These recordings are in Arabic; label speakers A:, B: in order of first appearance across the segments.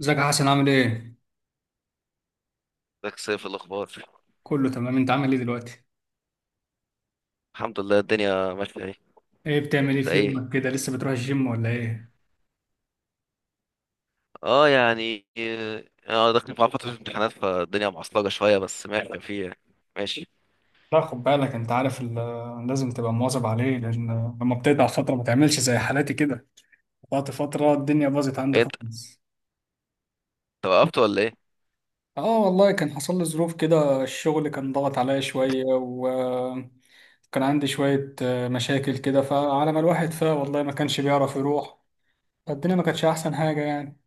A: ازيك يا حسن، عامل ايه؟
B: ازيك يا سيف؟ الاخبار؟
A: كله تمام، انت عامل ايه دلوقتي؟
B: الحمد لله الدنيا ماشيه. ايه
A: بتعمل ايه
B: انت؟
A: في
B: ايه
A: يومك كده، لسه بتروح الجيم ولا ايه؟
B: اه يعني اه. انا داخل مع فتره امتحانات، فالدنيا معصلجه شويه بس ماشي فيه يعني. ماشي.
A: لا خد بالك، انت عارف لازم تبقى مواظب عليه. لما بتقطع فترة ما تعملش زي حالاتي كده، قطعت فترة الدنيا باظت عندي
B: إيه انت؟
A: خالص.
B: وقفت ولا ايه؟
A: اه والله كان حصل لي ظروف كده، الشغل كان ضغط عليا شوية وكان عندي شوية مشاكل كده، فعلى ما الواحد والله ما كانش بيعرف يروح، فالدنيا ما كانتش احسن حاجة يعني.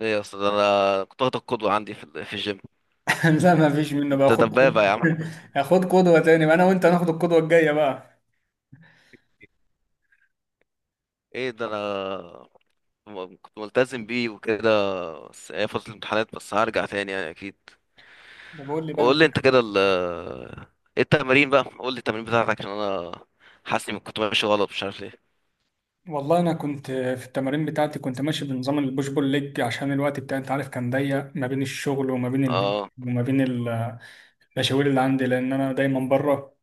B: ايه، اصل ده انا كنت واخد القدوه عندي في الجيم.
A: لا ما فيش منه بقى،
B: انت
A: خد خد.
B: دبابه يا عم.
A: خد قدوة تاني بقى، انا وانت هناخد القدوة الجاية بقى.
B: ايه ده، انا كنت ملتزم بيه وكده، بس هي فتره الامتحانات بس، هرجع تاني يعني اكيد.
A: ده بقول لي بقى
B: وقول
A: انت.
B: لي انت كده، ايه التمارين بقى؟ قول لي التمارين بتاعتك، عشان انا حاسس اني كنت ماشي غلط مش عارف ليه.
A: والله انا كنت في التمارين بتاعتي كنت ماشي بنظام البوش بول ليج، عشان الوقت بتاعي انت عارف كان ضيق ما بين الشغل وما بين البيت
B: اه،
A: وما بين المشاوير اللي عندي، لان انا دايما بره.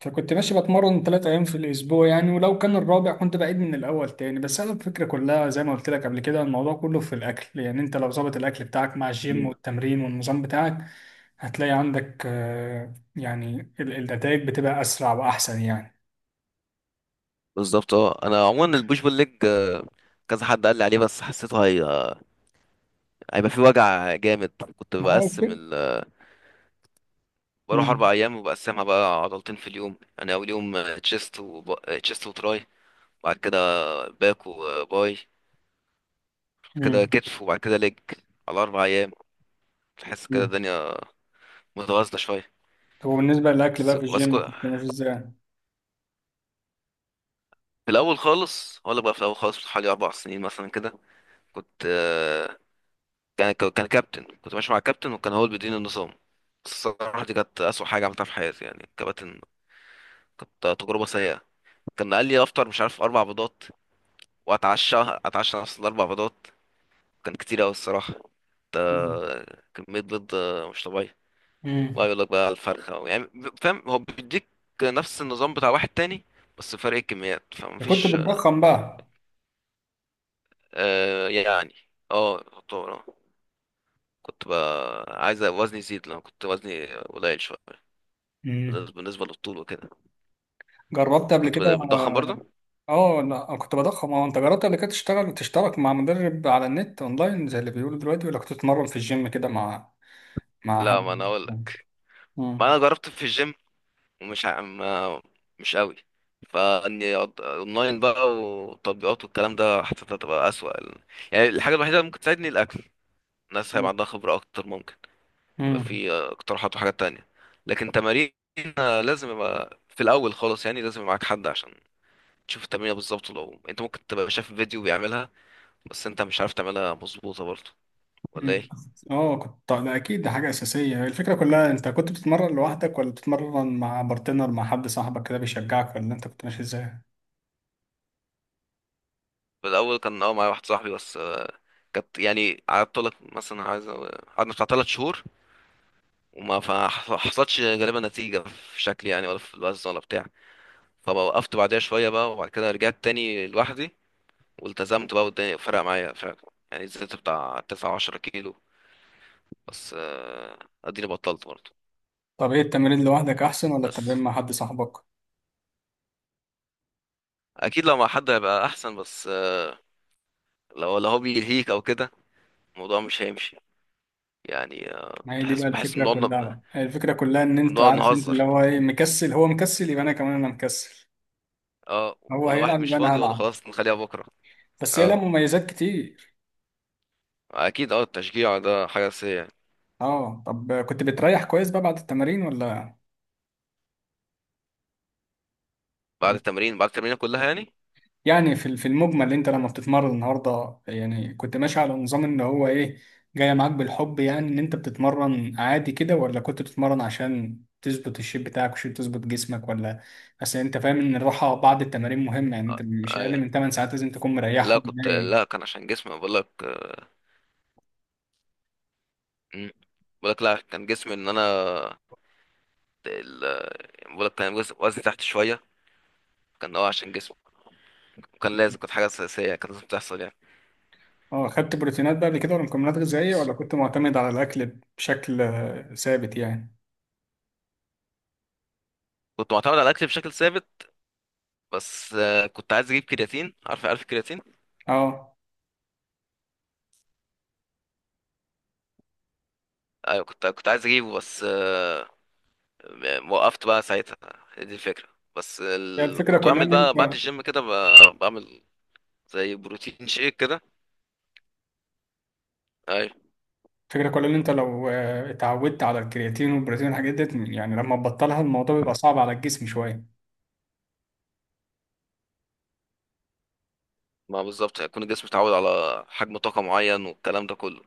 A: فكنت ماشي بتمرن 3 أيام في الأسبوع يعني، ولو كان الرابع كنت بعيد من الأول تاني. بس أنا الفكرة كلها زي ما قلت لك قبل كده، الموضوع كله في الأكل يعني. أنت لو ظابط الأكل بتاعك مع الجيم والتمرين والنظام بتاعك، هتلاقي عندك يعني النتائج بتبقى أسرع وأحسن يعني.
B: بالظبط. اه انا عموما البوش بول ليج، كذا حد قال لي عليه، بس حسيته هيبقى فيه وجع جامد. كنت
A: ما هو
B: بقسم
A: كده.
B: بروح
A: مم.
B: اربع ايام وبقسمها بقى عضلتين في اليوم، يعني اول يوم تشيست وب... تشيست وتراي، بعد كده باك وباي، بعد كده
A: مم.
B: كتف، وبعد كده ليج. على اربع ايام تحس كده
A: مم.
B: الدنيا متوازنه شويه.
A: طب وبالنسبة للأكل
B: بس
A: بقى في
B: بس كو...
A: الجيم، كنت ماشي إزاي؟
B: في الاول خالص، ولا بقى في الاول خالص حوالي اربع سنين مثلا كده كنت، كان كابتن، كنت ماشي مع كابتن وكان هو اللي بيديني النظام، بس الصراحة دي كانت أسوأ حاجة عملتها في حياتي يعني. كباتن، كانت تجربة سيئة. كان قال لي أفطر مش عارف أربع بيضات، وأتعشى، أتعشى نفس الأربع بيضات. كان كتير أوي الصراحة. ده
A: مم.
B: كمية بيض مش طبيعية. بقى
A: مم.
B: يقول لك بقى الفرخة يعني، فاهم؟ هو بيديك نفس النظام بتاع واحد تاني، بس فرق الكميات
A: كنت
B: فمفيش.
A: بتضخم بقى.
B: آه يعني، اه يعتبر، اه. كنت بقى عايز وزني يزيد، لأن كنت وزني قليل شوية
A: مم.
B: بالنسبة للطول وكده.
A: جربت
B: انت
A: قبل
B: كنت
A: كده؟
B: بتضخم برضه؟
A: اه لا أنا كنت بضخم. اه انت جربت قبل كده تشتغل، تشترك مع مدرب على النت اونلاين زي اللي بيقولوا دلوقتي، ولا كنت تتمرن في الجيم كده مع مع
B: لا، ما انا
A: حد؟
B: اقول لك، ما
A: مم.
B: انا جربت في الجيم ومش ع- ما مش قوي، فاني اونلاين بقى وتطبيقات والكلام ده، حسيتها تبقى اسوأ يعني. الحاجة الوحيدة اللي ممكن تساعدني الاكل، الناس هيبقى عندها خبرة اكتر، ممكن يبقى
A: مم.
B: في اقتراحات وحاجات تانية. لكن تمارين، لازم يبقى في الاول خالص، يعني لازم يبقى معاك حد عشان تشوف التمرينة بالظبط. لو انت ممكن تبقى شايف فيديو بيعملها، بس انت مش عارف تعملها مظبوطة برضه، ولا
A: مم.
B: ايه؟
A: اه كنت، ده اكيد ده حاجة اساسية. الفكرة كلها انت كنت بتتمرن لوحدك ولا بتتمرن مع بارتنر مع حد صاحبك كده بيشجعك، ولا انت كنت ماشي ازاي؟
B: في الاول كان اه معايا واحد صاحبي بس، كانت يعني قعدت لك مثلا عايز قعدنا بتاع تلات شهور وما حصلتش غالبا نتيجة في شكلي، يعني ولا في الوزن ولا بتاع. فوقفت بعدها شوية بقى، وبعد كده رجعت تاني لوحدي والتزمت بقى، والدنيا فرق معايا فعلا. يعني زدت بتاع تسعة عشرة كيلو، بس اديني بطلت برضه.
A: طب ايه، التمرين لوحدك احسن ولا التمرين
B: بس
A: مع حد صاحبك؟
B: اكيد لو مع حد هيبقى احسن، بس لو هو بيلهيك او كده، الموضوع مش هيمشي يعني.
A: ما هي دي
B: بحس
A: بقى
B: ان
A: الفكرة كلها
B: بنقعد،
A: بقى، هي الفكرة كلها ان انت
B: بنقعد
A: عارف، انت
B: نهزر.
A: اللي هو ايه، مكسل، هو مكسل يبقى انا كمان انا مكسل،
B: اه،
A: هو
B: ولا واحد
A: هيلعب
B: مش
A: يبقى انا
B: فاضي اقول له
A: هلعب.
B: خلاص نخليها بكرة.
A: بس هي لها
B: اه
A: مميزات كتير.
B: اكيد، اه التشجيع ده حاجه اساسيه يعني.
A: اه طب كنت بتريح كويس بقى بعد التمارين ولا؟ ولا-
B: بعد التمرين كلها يعني.
A: يعني في المجمل انت لما بتتمرن النهارده يعني، كنت ماشي على نظام ان هو ايه، جاي معاك بالحب يعني، ان انت بتتمرن عادي كده، ولا كنت بتتمرن عشان تظبط الشيب بتاعك وشيب، تظبط جسمك، ولا؟ اصل انت فاهم ان الراحه بعد التمارين مهمه يعني، انت مش اقل
B: أي.
A: من 8 ساعات لازم تكون
B: لا،
A: مريحهم
B: كنت، لا
A: نايم.
B: كان عشان جسمي، بقول لك. مم. بقول لك، لا كان جسمي ان انا ال... بقول لك كان وزني تحت شويه، كان اه عشان جسمي، وكان لازم، كانت حاجه اساسيه يعني، كانت لازم تحصل يعني.
A: اه خدت بروتينات بقى قبل كده ولا مكملات غذائيه، ولا كنت معتمد على الاكل بشكل ثابت يعني؟
B: كنت معتمد على الاكل بشكل ثابت، بس كنت عايز اجيب كرياتين. عارف الكرياتين؟
A: اه.
B: ايوه كنت عايز اجيبه، بس وقفت بقى ساعتها. هي دي الفكره. بس
A: هي الفكرة
B: كنت
A: كلها
B: بعمل
A: إن
B: بقى بعد
A: أنت،
B: الجيم كده، بعمل زي بروتين شيك كده. ايوه،
A: الفكرة كلها إن أنت لو اتعودت على الكرياتين والبروتين والحاجات ديت، يعني لما تبطلها الموضوع بيبقى صعب على الجسم شوية.
B: ما بالظبط، هيكون الجسم اتعود على حجم طاقة معين والكلام ده كله.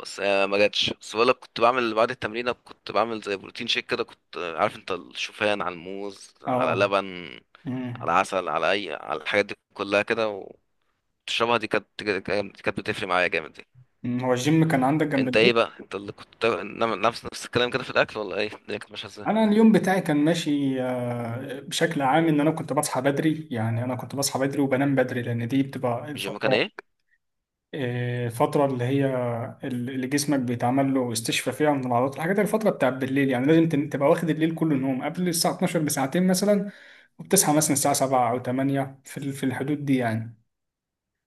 B: بس هي ما جاتش. بس بقولك كنت بعمل بعد التمرين، كنت بعمل زي بروتين شيك كده. كنت عارف انت، الشوفان على الموز على
A: اه.
B: لبن على
A: أمم.
B: عسل، على اي، على الحاجات دي كلها كده وتشربها. دي كانت، دي كانت بتفرق معايا جامد دي.
A: أمم. هو الجيم كان عندك جنب
B: انت ايه
A: البيت؟
B: بقى؟ انت اللي كنت نعمل نفس الكلام كده في الاكل، ولا ايه الدنيا كانت ماشيه ازاي؟
A: أنا اليوم بتاعي كان ماشي بشكل عام، إن أنا كنت بصحى بدري يعني، أنا كنت بصحى بدري وبنام بدري، لأن دي بتبقى
B: الجيم كان
A: الفترة،
B: ايه؟
A: فترة اللي هي اللي جسمك بيتعمل له استشفاء فيها من العضلات، الحاجات دي الفترة بتاعت بالليل يعني. لازم تبقى واخد الليل كله نوم، قبل الساعة 12 بساعتين مثلا، وبتصحى مثلا الساعة 7 أو 8 في الحدود دي يعني.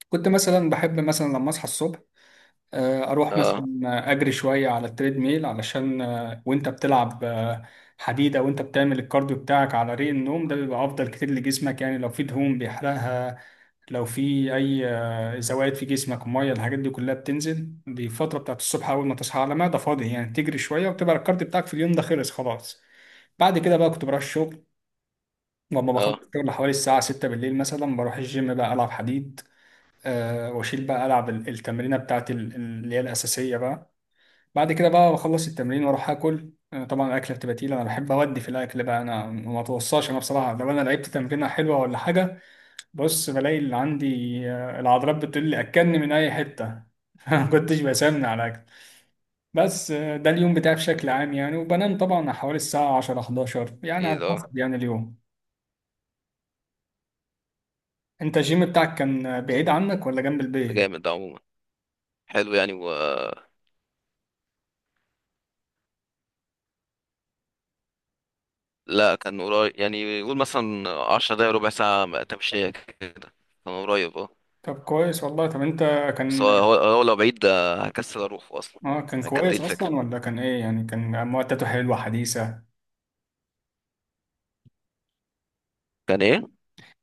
A: كنت مثلا بحب مثلا لما أصحى الصبح، أروح
B: اه.
A: مثلا أجري شوية على التريد ميل، علشان وأنت بتلعب حديد أو أنت بتعمل الكارديو بتاعك على ريق النوم، ده بيبقى أفضل كتير لجسمك يعني، لو في دهون بيحرقها، لو في اي زوائد في جسمك، ميه، الحاجات دي كلها بتنزل. دي الفتره بتاعت الصبح، اول ما تصحى على معده فاضي يعني، تجري شويه وتبقى الكارت بتاعك في اليوم ده خلص خلاص. بعد كده بقى كنت بروح الشغل، لما بخلص
B: اه.
A: الشغل حوالي الساعه 6 بالليل مثلا بروح الجيم بقى، العب حديد. أه واشيل بقى، العب التمرينه بتاعت اللي هي الاساسيه بقى. بعد كده بقى بخلص التمرين واروح اكل. طبعا الاكله بتبقى تقيله، انا بحب اودي في الاكل بقى، انا ما اتوصاش، انا بصراحه لو انا لعبت تمرينه حلوه ولا حاجه، بص بلاقي اللي عندي، العضلات بتقول لي اكلني من اي حته. ما كنتش بسمن على الاكل. بس ده اليوم بتاعي بشكل عام يعني، وبنام طبعا حوالي الساعه 10 11 يعني
B: ايه
A: على
B: ده، اه،
A: حسب يعني اليوم. انت الجيم بتاعك كان بعيد عنك ولا جنب
B: ده
A: البيت؟
B: جامد ده عموما، حلو يعني. لا كان قريب يعني. يقول مثلا عشر دقايق ربع ساعة تمشية كده، كان قريب اه.
A: طب كويس والله. طب انت
B: بس
A: كان،
B: هو لو بعيد هكسل اروح اصلا.
A: اه كان
B: يعني كانت دي
A: كويس
B: الفكرة.
A: اصلا ولا كان ايه يعني؟ كان معدته حلوه حديثه؟
B: كان ايه؟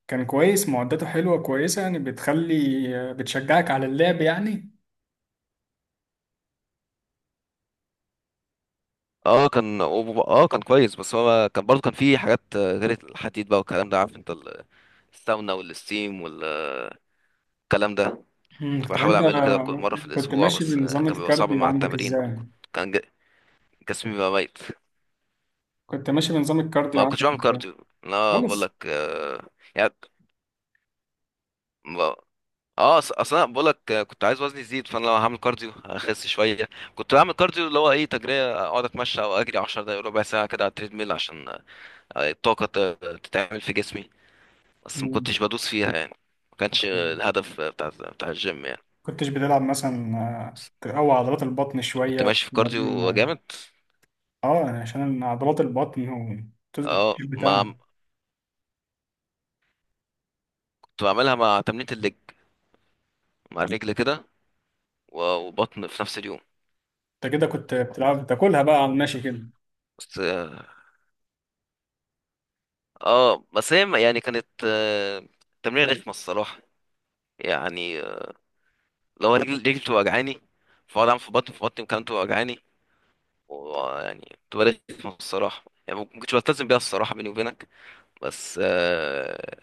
A: كان كويس معدته حلوه كويسه يعني، بتخلي، بتشجعك على اللعب يعني.
B: اه كان، اه كان كويس. بس هو كان برضه كان فيه حاجات غير الحديد بقى والكلام ده، عارف انت الساونا والستيم والكلام ده،
A: مم،
B: كنت
A: طب
B: بحاول
A: انت
B: اعمله كده كل مرة في
A: كنت
B: الاسبوع،
A: ماشي
B: بس
A: بنظام
B: كان بيبقى صعب
A: الكارديو
B: مع
A: عندك
B: التمارين.
A: ازاي؟
B: كان جسمي بقى ميت.
A: كنت ماشي بنظام الكارديو
B: ما كنتش
A: عندك
B: بعمل
A: إزاي؟
B: كارديو انا، بقول
A: خالص.
B: لك يعني. ب- اه، اصل انا بقول لك كنت عايز وزني يزيد، فانا لو هعمل كارديو هخس شويه. كنت بعمل كارديو اللي هو ايه، تجريه، اقعد اتمشى او اجري 10 دقايق ربع ساعه كده على التريد ميل، عشان الطاقه تتعمل في جسمي، بس ما
A: مم.
B: كنتش بدوس فيها يعني. ما
A: طب
B: كانش الهدف بتاع الجيم يعني.
A: كنتش بتلعب مثلا،
B: بس
A: تقوي عضلات البطن
B: كنت
A: شوية في
B: ماشي في
A: التمارين؟
B: كارديو
A: آه
B: جامد.
A: عشان عضلات البطن، وتظبط
B: اه،
A: الجيب
B: ما
A: بتاعها.
B: كنت بعملها مع تمرينة الليج، مع الرجل كده، وبطن في نفس اليوم.
A: انت كده كنت بتلعب بتاكلها بقى على الماشي كده.
B: بس اه، بس هي يعني كانت، تمرين رخمة الصراحة يعني. لو رجلي، رجلي بتبقى وجعاني، فاقعد اعمل في بطني، في بطني كمان بتبقى وجعاني، ويعني بتبقى رخمة الصراحة يعني. ما كنتش بلتزم بيها الصراحة بيني وبينك، بس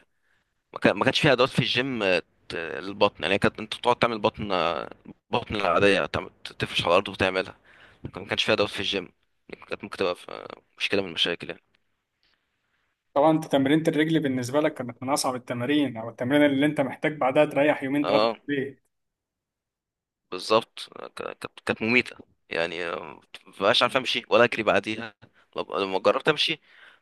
B: ما كانش فيها ادوات في الجيم للبطن. يعني كانت انت بتقعد تعمل بطن، بطن العادية، تفرش على الأرض وتعملها، لكن ما كانش فيها ادوات في الجيم. كانت ممكن تبقى مشكلة من المشاكل يعني.
A: طبعا انت تمرينة الرجل بالنسبة لك كانت من أصعب التمارين، أو التمرين اللي انت محتاج بعدها تريح يومين ثلاثة في
B: اه
A: البيت.
B: بالظبط، كانت مميتة يعني. مبقاش عارف امشي ولا اجري بعديها. لما جربت امشي،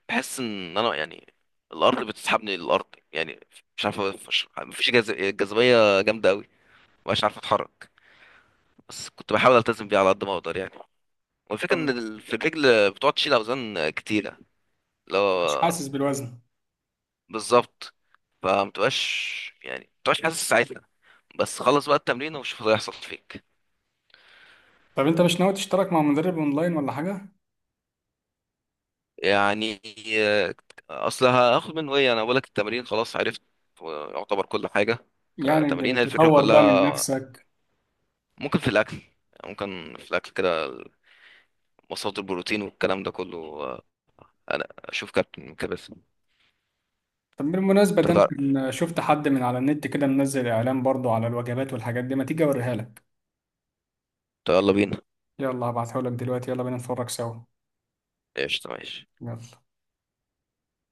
B: بحس ان انا يعني الارض بتسحبني للارض يعني. مش عارف، مفيش جاذبية جامدة قوي، مبقاش عارف اتحرك. بس كنت بحاول التزم بيها على قد ما اقدر يعني. والفكرة ان
A: طب
B: في الرجل بتقعد تشيل اوزان كتيرة، اللي
A: مش
B: هو،
A: حاسس بالوزن.
B: بالظبط، فمتبقاش يعني، متبقاش حاسس ساعتها. بس خلص بقى التمرين وشوف اللي هيحصل فيك.
A: طب انت مش ناوي تشترك مع مدرب اونلاين ولا حاجة؟
B: يعني آه، اصل هاخد منه ايه؟ انا بقولك التمرين خلاص عرفت، يعتبر كل حاجه.
A: يعني اللي
B: كتمرين هي الفكره
A: تطور بقى من
B: كلها.
A: نفسك.
B: ممكن في الاكل، ممكن في الاكل كده، مصادر البروتين والكلام ده كله، انا اشوف كابتن كده بس.
A: طب بالمناسبة، ده أنا شفت حد من على النت كده منزل إعلان برضو على الوجبات والحاجات دي، ما تيجي أوريها لك.
B: يلا بينا.
A: يلا هبعتهولك دلوقتي، يلا بينا نتفرج سوا.
B: ايش، ماشي.
A: يلا.